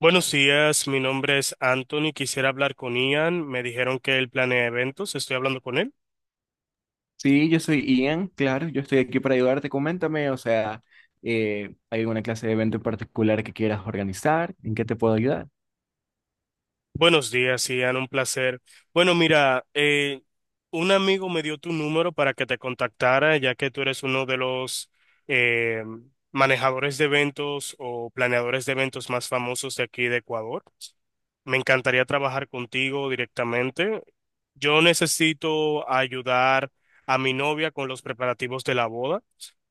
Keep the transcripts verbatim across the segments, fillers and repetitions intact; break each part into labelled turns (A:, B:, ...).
A: Buenos días, mi nombre es Anthony. Quisiera hablar con Ian. Me dijeron que él planea eventos. Estoy hablando con él.
B: Sí, yo soy Ian, claro, yo estoy aquí para ayudarte. Coméntame, o sea, eh, ¿hay alguna clase de evento en particular que quieras organizar? ¿En qué te puedo ayudar?
A: Buenos días, Ian. Un placer. Bueno, mira, eh, un amigo me dio tu número para que te contactara, ya que tú eres uno de los eh, manejadores de eventos o planeadores de eventos más famosos de aquí de Ecuador. Me encantaría trabajar contigo directamente. Yo necesito ayudar a mi novia con los preparativos de la boda.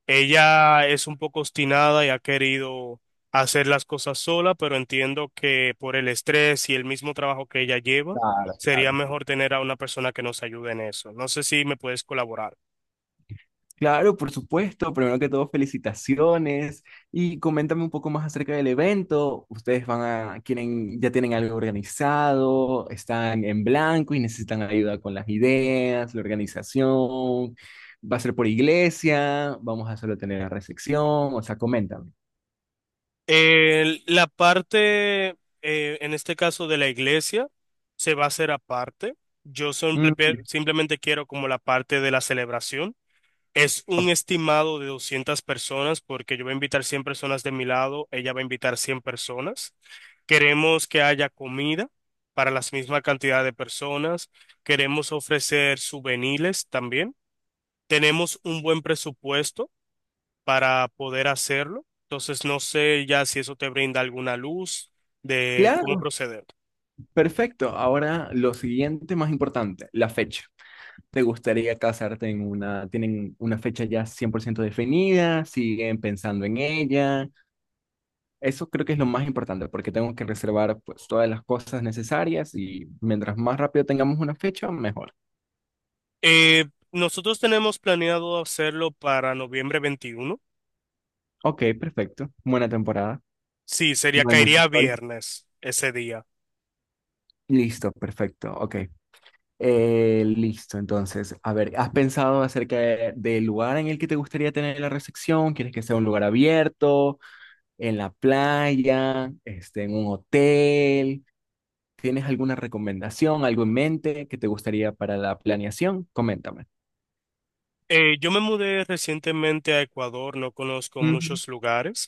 A: Ella es un poco obstinada y ha querido hacer las cosas sola, pero entiendo que por el estrés y el mismo trabajo que ella lleva,
B: Claro,
A: sería
B: claro.
A: mejor tener a una persona que nos ayude en eso. No sé si me puedes colaborar.
B: Claro, por supuesto. Primero que todo, felicitaciones y coméntame un poco más acerca del evento. ¿Ustedes van a, quieren, ya tienen algo organizado? ¿Están en blanco y necesitan ayuda con las ideas, la organización? ¿Va a ser por iglesia? ¿Vamos a solo tener la recepción? O sea, coméntame.
A: El- la parte, eh, en este caso de la iglesia, se va a hacer aparte. Yo simple-
B: Mm.
A: simplemente quiero como la parte de la celebración. Es un
B: Ok.
A: estimado de doscientas personas porque yo voy a invitar cien personas de mi lado, ella va a invitar cien personas. Queremos que haya comida para la misma cantidad de personas. Queremos ofrecer souvenirs también. Tenemos un buen presupuesto para poder hacerlo. Entonces, no sé ya si eso te brinda alguna luz de cómo
B: Claro.
A: proceder.
B: Perfecto. Ahora lo siguiente más importante, la fecha. ¿Te gustaría casarte en una, tienen una fecha ya cien por ciento definida? ¿Siguen pensando en ella? Eso creo que es lo más importante porque tengo que reservar pues todas las cosas necesarias y mientras más rápido tengamos una fecha, mejor.
A: Eh, nosotros tenemos planeado hacerlo para noviembre veintiuno.
B: Ok, perfecto. Buena temporada.
A: Sí, sería,
B: No hay mucho
A: caería
B: sol.
A: viernes ese día.
B: Listo, perfecto. Ok. Eh, listo, entonces, a ver, ¿has pensado acerca de- del lugar en el que te gustaría tener la recepción? ¿Quieres que sea un lugar abierto, en la playa, este, en un hotel? ¿Tienes alguna recomendación, algo en mente que te gustaría para la planeación? Coméntame.
A: Eh, yo me mudé recientemente a Ecuador, no conozco
B: Ujú.
A: muchos lugares,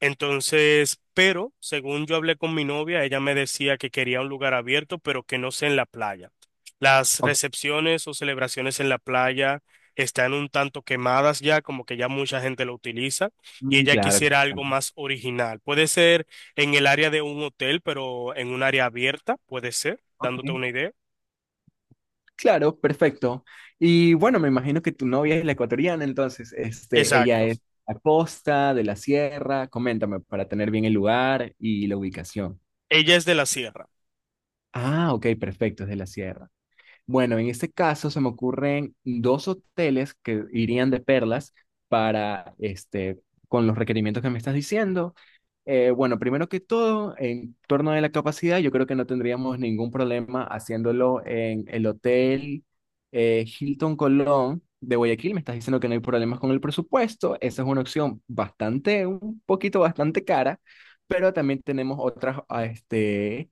A: entonces, pero según yo hablé con mi novia, ella me decía que quería un lugar abierto, pero que no sea en la playa. Las
B: Ok.
A: recepciones o celebraciones en la playa están un tanto quemadas ya, como que ya mucha gente lo utiliza, y
B: Mm.
A: ella
B: Claro,
A: quisiera algo
B: claro.
A: más original. Puede ser en el área de un hotel, pero en un área abierta, puede ser,
B: Ok.
A: dándote una idea.
B: Claro, perfecto. Y bueno, me imagino que tu novia es la ecuatoriana, entonces, este, ella
A: Exacto.
B: es de la costa, de la sierra. Coméntame para tener bien el lugar y la ubicación.
A: Ella es de la sierra.
B: Ah, ok, perfecto, es de la sierra. Bueno, en este caso se me ocurren dos hoteles que irían de perlas para este con los requerimientos que me estás diciendo. Eh, bueno, primero que todo, en torno a la capacidad, yo creo que no tendríamos ningún problema haciéndolo en el hotel eh, Hilton Colón de Guayaquil. Me estás diciendo que no hay problemas con el presupuesto. Esa es una opción bastante, un poquito bastante cara, pero también tenemos otras, ah, este,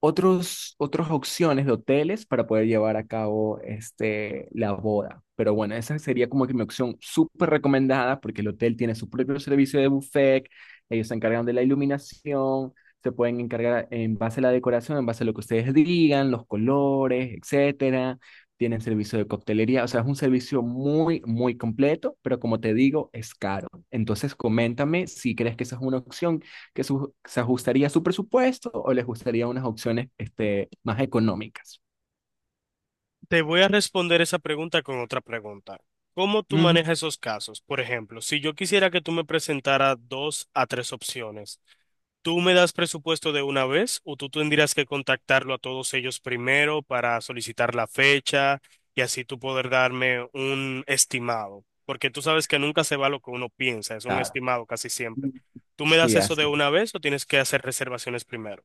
B: otros, otras opciones de hoteles para poder llevar a cabo este, la boda. Pero bueno, esa sería como que mi opción súper recomendada porque el hotel tiene su propio servicio de buffet, ellos se encargan de la iluminación, se pueden encargar en base a la decoración, en base a lo que ustedes digan, los colores, etcétera. Tienen servicio de coctelería, o sea, es un servicio muy, muy completo, pero como te digo, es caro. Entonces, coméntame si crees que esa es una opción que su- se ajustaría a su presupuesto o les gustaría unas opciones este, más económicas.
A: Te voy a responder esa pregunta con otra pregunta. ¿Cómo tú
B: Ujú,
A: manejas esos casos? Por ejemplo, si yo quisiera que tú me presentaras dos a tres opciones, ¿tú me das presupuesto de una vez o tú tendrías que contactarlo a todos ellos primero para solicitar la fecha y así tú poder darme un estimado? Porque tú sabes que nunca se va lo que uno piensa, es un
B: claro.
A: estimado casi siempre. ¿Tú me das
B: Sí,
A: eso de
B: así.
A: una vez o tienes que hacer reservaciones primero?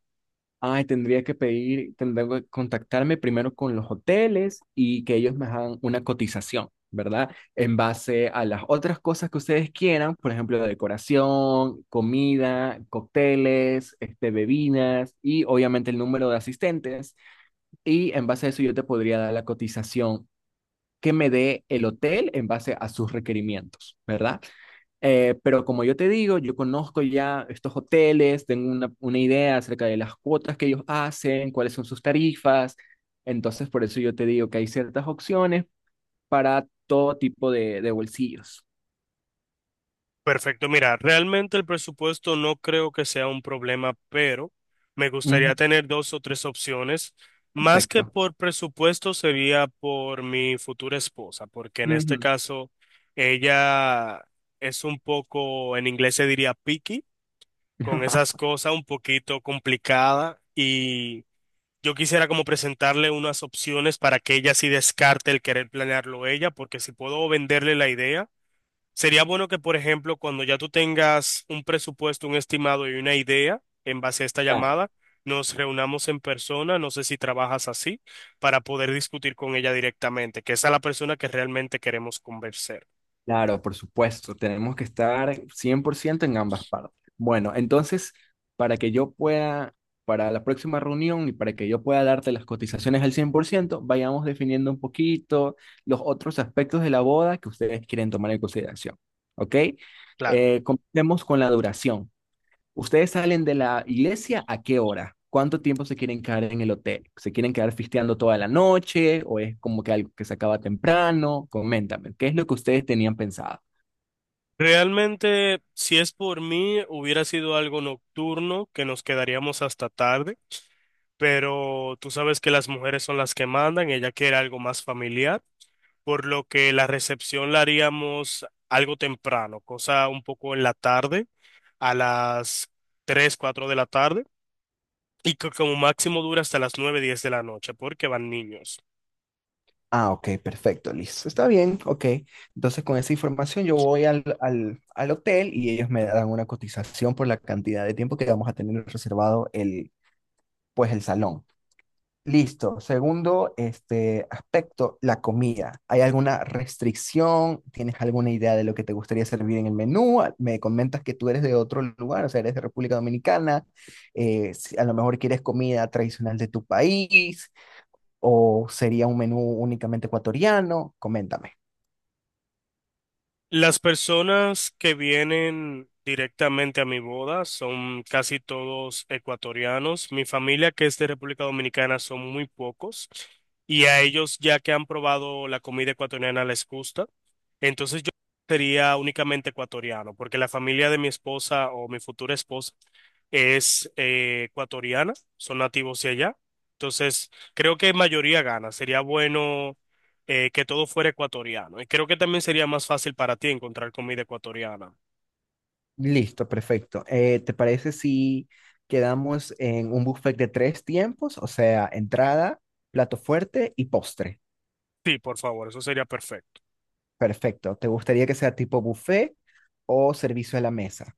B: Ay, tendría que pedir, tendría que contactarme primero con los hoteles y que ellos me hagan una cotización, ¿verdad? En base a las otras cosas que ustedes quieran, por ejemplo, la decoración, comida, cócteles, este, bebidas y obviamente el número de asistentes. Y en base a eso yo te podría dar la cotización que me dé el hotel en base a sus requerimientos, ¿verdad? Eh, pero como yo te digo, yo conozco ya estos hoteles, tengo una, una idea acerca de las cuotas que ellos hacen, cuáles son sus tarifas. Entonces, por eso yo te digo que hay ciertas opciones para todo tipo de, de bolsillos.
A: Perfecto, mira, realmente el presupuesto no creo que sea un problema, pero me
B: Ujú,
A: gustaría tener dos o tres opciones. Más que
B: perfecto.
A: por presupuesto sería por mi futura esposa, porque en este
B: Ujú.
A: caso ella es un poco, en inglés se diría picky, con esas cosas un poquito complicada, y yo quisiera como presentarle unas opciones para que ella sí descarte el querer planearlo ella, porque si puedo venderle la idea. Sería bueno que, por ejemplo, cuando ya tú tengas un presupuesto, un estimado y una idea en base a esta llamada, nos reunamos en persona, no sé si trabajas así, para poder discutir con ella directamente, que esa es la persona que realmente queremos convencer.
B: Claro, por supuesto, tenemos que estar cien por ciento en ambas partes. Bueno, entonces, para que yo pueda, para la próxima reunión y para que yo pueda darte las cotizaciones al cien por ciento, vayamos definiendo un poquito los otros aspectos de la boda que ustedes quieren tomar en consideración. ¿Ok?
A: Claro.
B: Eh, comencemos con la duración. ¿Ustedes salen de la iglesia a qué hora? ¿Cuánto tiempo se quieren quedar en el hotel? ¿Se quieren quedar fisteando toda la noche o es como que algo que se acaba temprano? Coméntame, ¿qué es lo que ustedes tenían pensado?
A: Realmente, si es por mí, hubiera sido algo nocturno, que nos quedaríamos hasta tarde, pero tú sabes que las mujeres son las que mandan, ella quiere algo más familiar, por lo que la recepción la haríamos algo temprano, cosa un poco en la tarde, a las tres cuatro de la tarde, y que como máximo dura hasta las nueve diez de la noche, porque van niños.
B: Ah, ok, perfecto, listo. Está bien, ok. Entonces con esa información yo voy al, al, al hotel y ellos me dan una cotización por la cantidad de tiempo que vamos a tener reservado el, pues el salón. Listo. Segundo, este aspecto, la comida. ¿Hay alguna restricción? ¿Tienes alguna idea de lo que te gustaría servir en el menú? A- Me comentas que tú eres de otro lugar, o sea, eres de República Dominicana. Eh, si a lo mejor quieres comida tradicional de tu país o sería un menú únicamente ecuatoriano. Coméntame.
A: Las personas que vienen directamente a mi boda son casi todos ecuatorianos. Mi familia, que es de República Dominicana, son muy pocos. Y a ellos, ya que han probado la comida ecuatoriana, les gusta. Entonces yo sería únicamente ecuatoriano, porque la familia de mi esposa o mi futura esposa es eh, ecuatoriana, son nativos de allá. Entonces creo que mayoría gana. Sería bueno eh, que todo fuera ecuatoriano. Y creo que también sería más fácil para ti encontrar comida ecuatoriana.
B: Listo, perfecto. Eh, ¿te parece si quedamos en un buffet de tres tiempos? O sea, entrada, plato fuerte y postre.
A: Sí, por favor, eso sería perfecto.
B: Perfecto. ¿Te gustaría que sea tipo buffet o servicio a la mesa?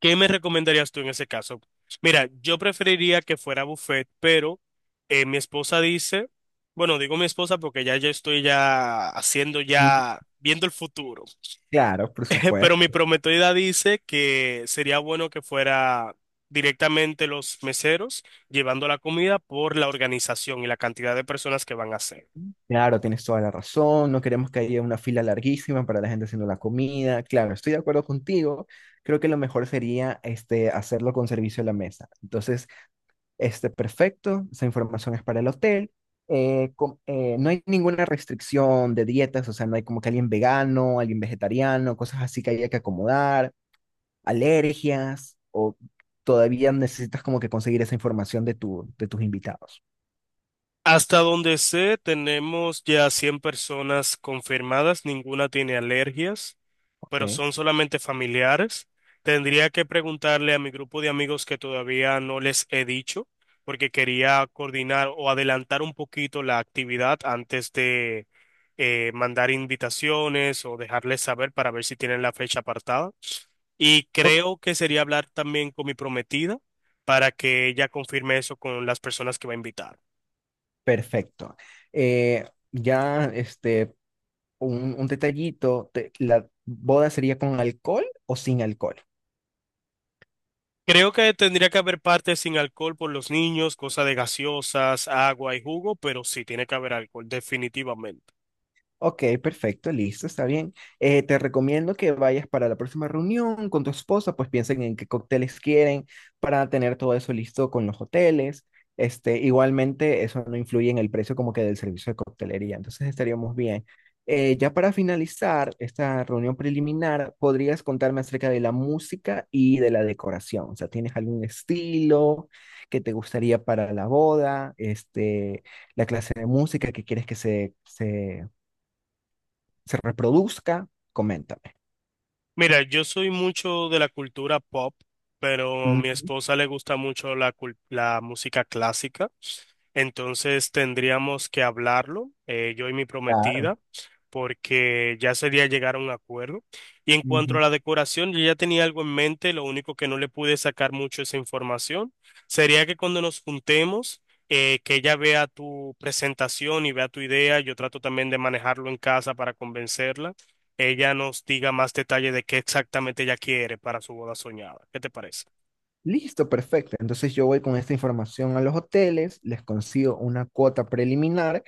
A: ¿Qué me recomendarías tú en ese caso? Mira, yo preferiría que fuera buffet, pero eh, mi esposa dice, bueno, digo mi esposa porque ya yo estoy ya haciendo
B: Ujú.
A: ya, viendo el futuro.
B: Claro, por
A: Pero mi
B: supuesto.
A: prometida dice que sería bueno que fuera directamente los meseros llevando la comida por la organización y la cantidad de personas que van a ser.
B: Claro, tienes toda la razón. No queremos que haya una fila larguísima para la gente haciendo la comida. Claro, estoy de acuerdo contigo. Creo que lo mejor sería este, hacerlo con servicio a la mesa. Entonces, este, perfecto. Esa información es para el hotel. Eh, com- eh, no hay ninguna restricción de dietas, o sea, no hay como que alguien vegano, alguien vegetariano, cosas así que haya que acomodar. Alergias o todavía necesitas como que conseguir esa información de, tu, de tus invitados.
A: Hasta donde sé, tenemos ya cien personas confirmadas, ninguna tiene alergias, pero
B: ¿Ok?
A: son solamente familiares. Tendría que preguntarle a mi grupo de amigos que todavía no les he dicho, porque quería coordinar o adelantar un poquito la actividad antes de eh, mandar invitaciones o dejarles saber para ver si tienen la fecha apartada. Y
B: Ok.
A: creo que sería hablar también con mi prometida para que ella confirme eso con las personas que va a invitar.
B: Perfecto. Eh, ya, este, un, un detallito, te- ¿la boda sería con alcohol o sin alcohol?
A: Creo que tendría que haber parte sin alcohol por los niños, cosa de gaseosas, agua y jugo, pero sí tiene que haber alcohol, definitivamente.
B: Ok, perfecto, listo, está bien. Eh, te recomiendo que vayas para la próxima reunión con tu esposa, pues piensen en qué cócteles quieren para tener todo eso listo con los hoteles. Este, igualmente, eso no influye en el precio como que del servicio de coctelería, entonces estaríamos bien. Eh, ya para finalizar esta reunión preliminar, ¿podrías contarme acerca de la música y de la decoración? O sea, ¿tienes algún estilo que te gustaría para la boda? Este, la clase de música que quieres que se, se se reproduzca, coméntame.
A: Mira, yo soy mucho de la cultura pop, pero mi
B: Ujú.
A: esposa le gusta mucho la, cul- la música clásica, entonces tendríamos que hablarlo, eh, yo y mi
B: Claro.
A: prometida, porque ya sería llegar a un acuerdo. Y en cuanto a
B: Ujú.
A: la decoración, yo ya tenía algo en mente, lo único que no le pude sacar mucho esa información sería que cuando nos juntemos, eh, que ella vea tu presentación y vea tu idea, yo trato también de manejarlo en casa para convencerla, ella nos diga más detalle de qué exactamente ella quiere para su boda soñada. ¿Qué te parece?
B: Listo, perfecto. Entonces yo voy con esta información a los hoteles, les consigo una cuota preliminar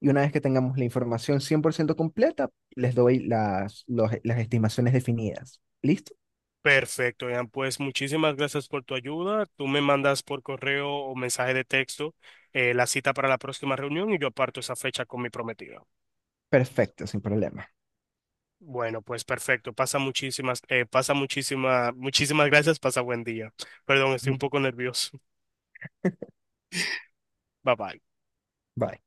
B: y una vez que tengamos la información cien por ciento completa, les doy las, los- las estimaciones definidas. ¿Listo?
A: Perfecto, Ian. Pues muchísimas gracias por tu ayuda. Tú me mandas por correo o mensaje de texto eh, la cita para la próxima reunión y yo aparto esa fecha con mi prometida.
B: Perfecto, sin problema.
A: Bueno, pues perfecto. Pasa muchísimas, eh, pasa muchísimas, muchísimas gracias. Pasa buen día. Perdón, estoy
B: Ujú.
A: un poco nervioso. Bye bye.
B: Bye.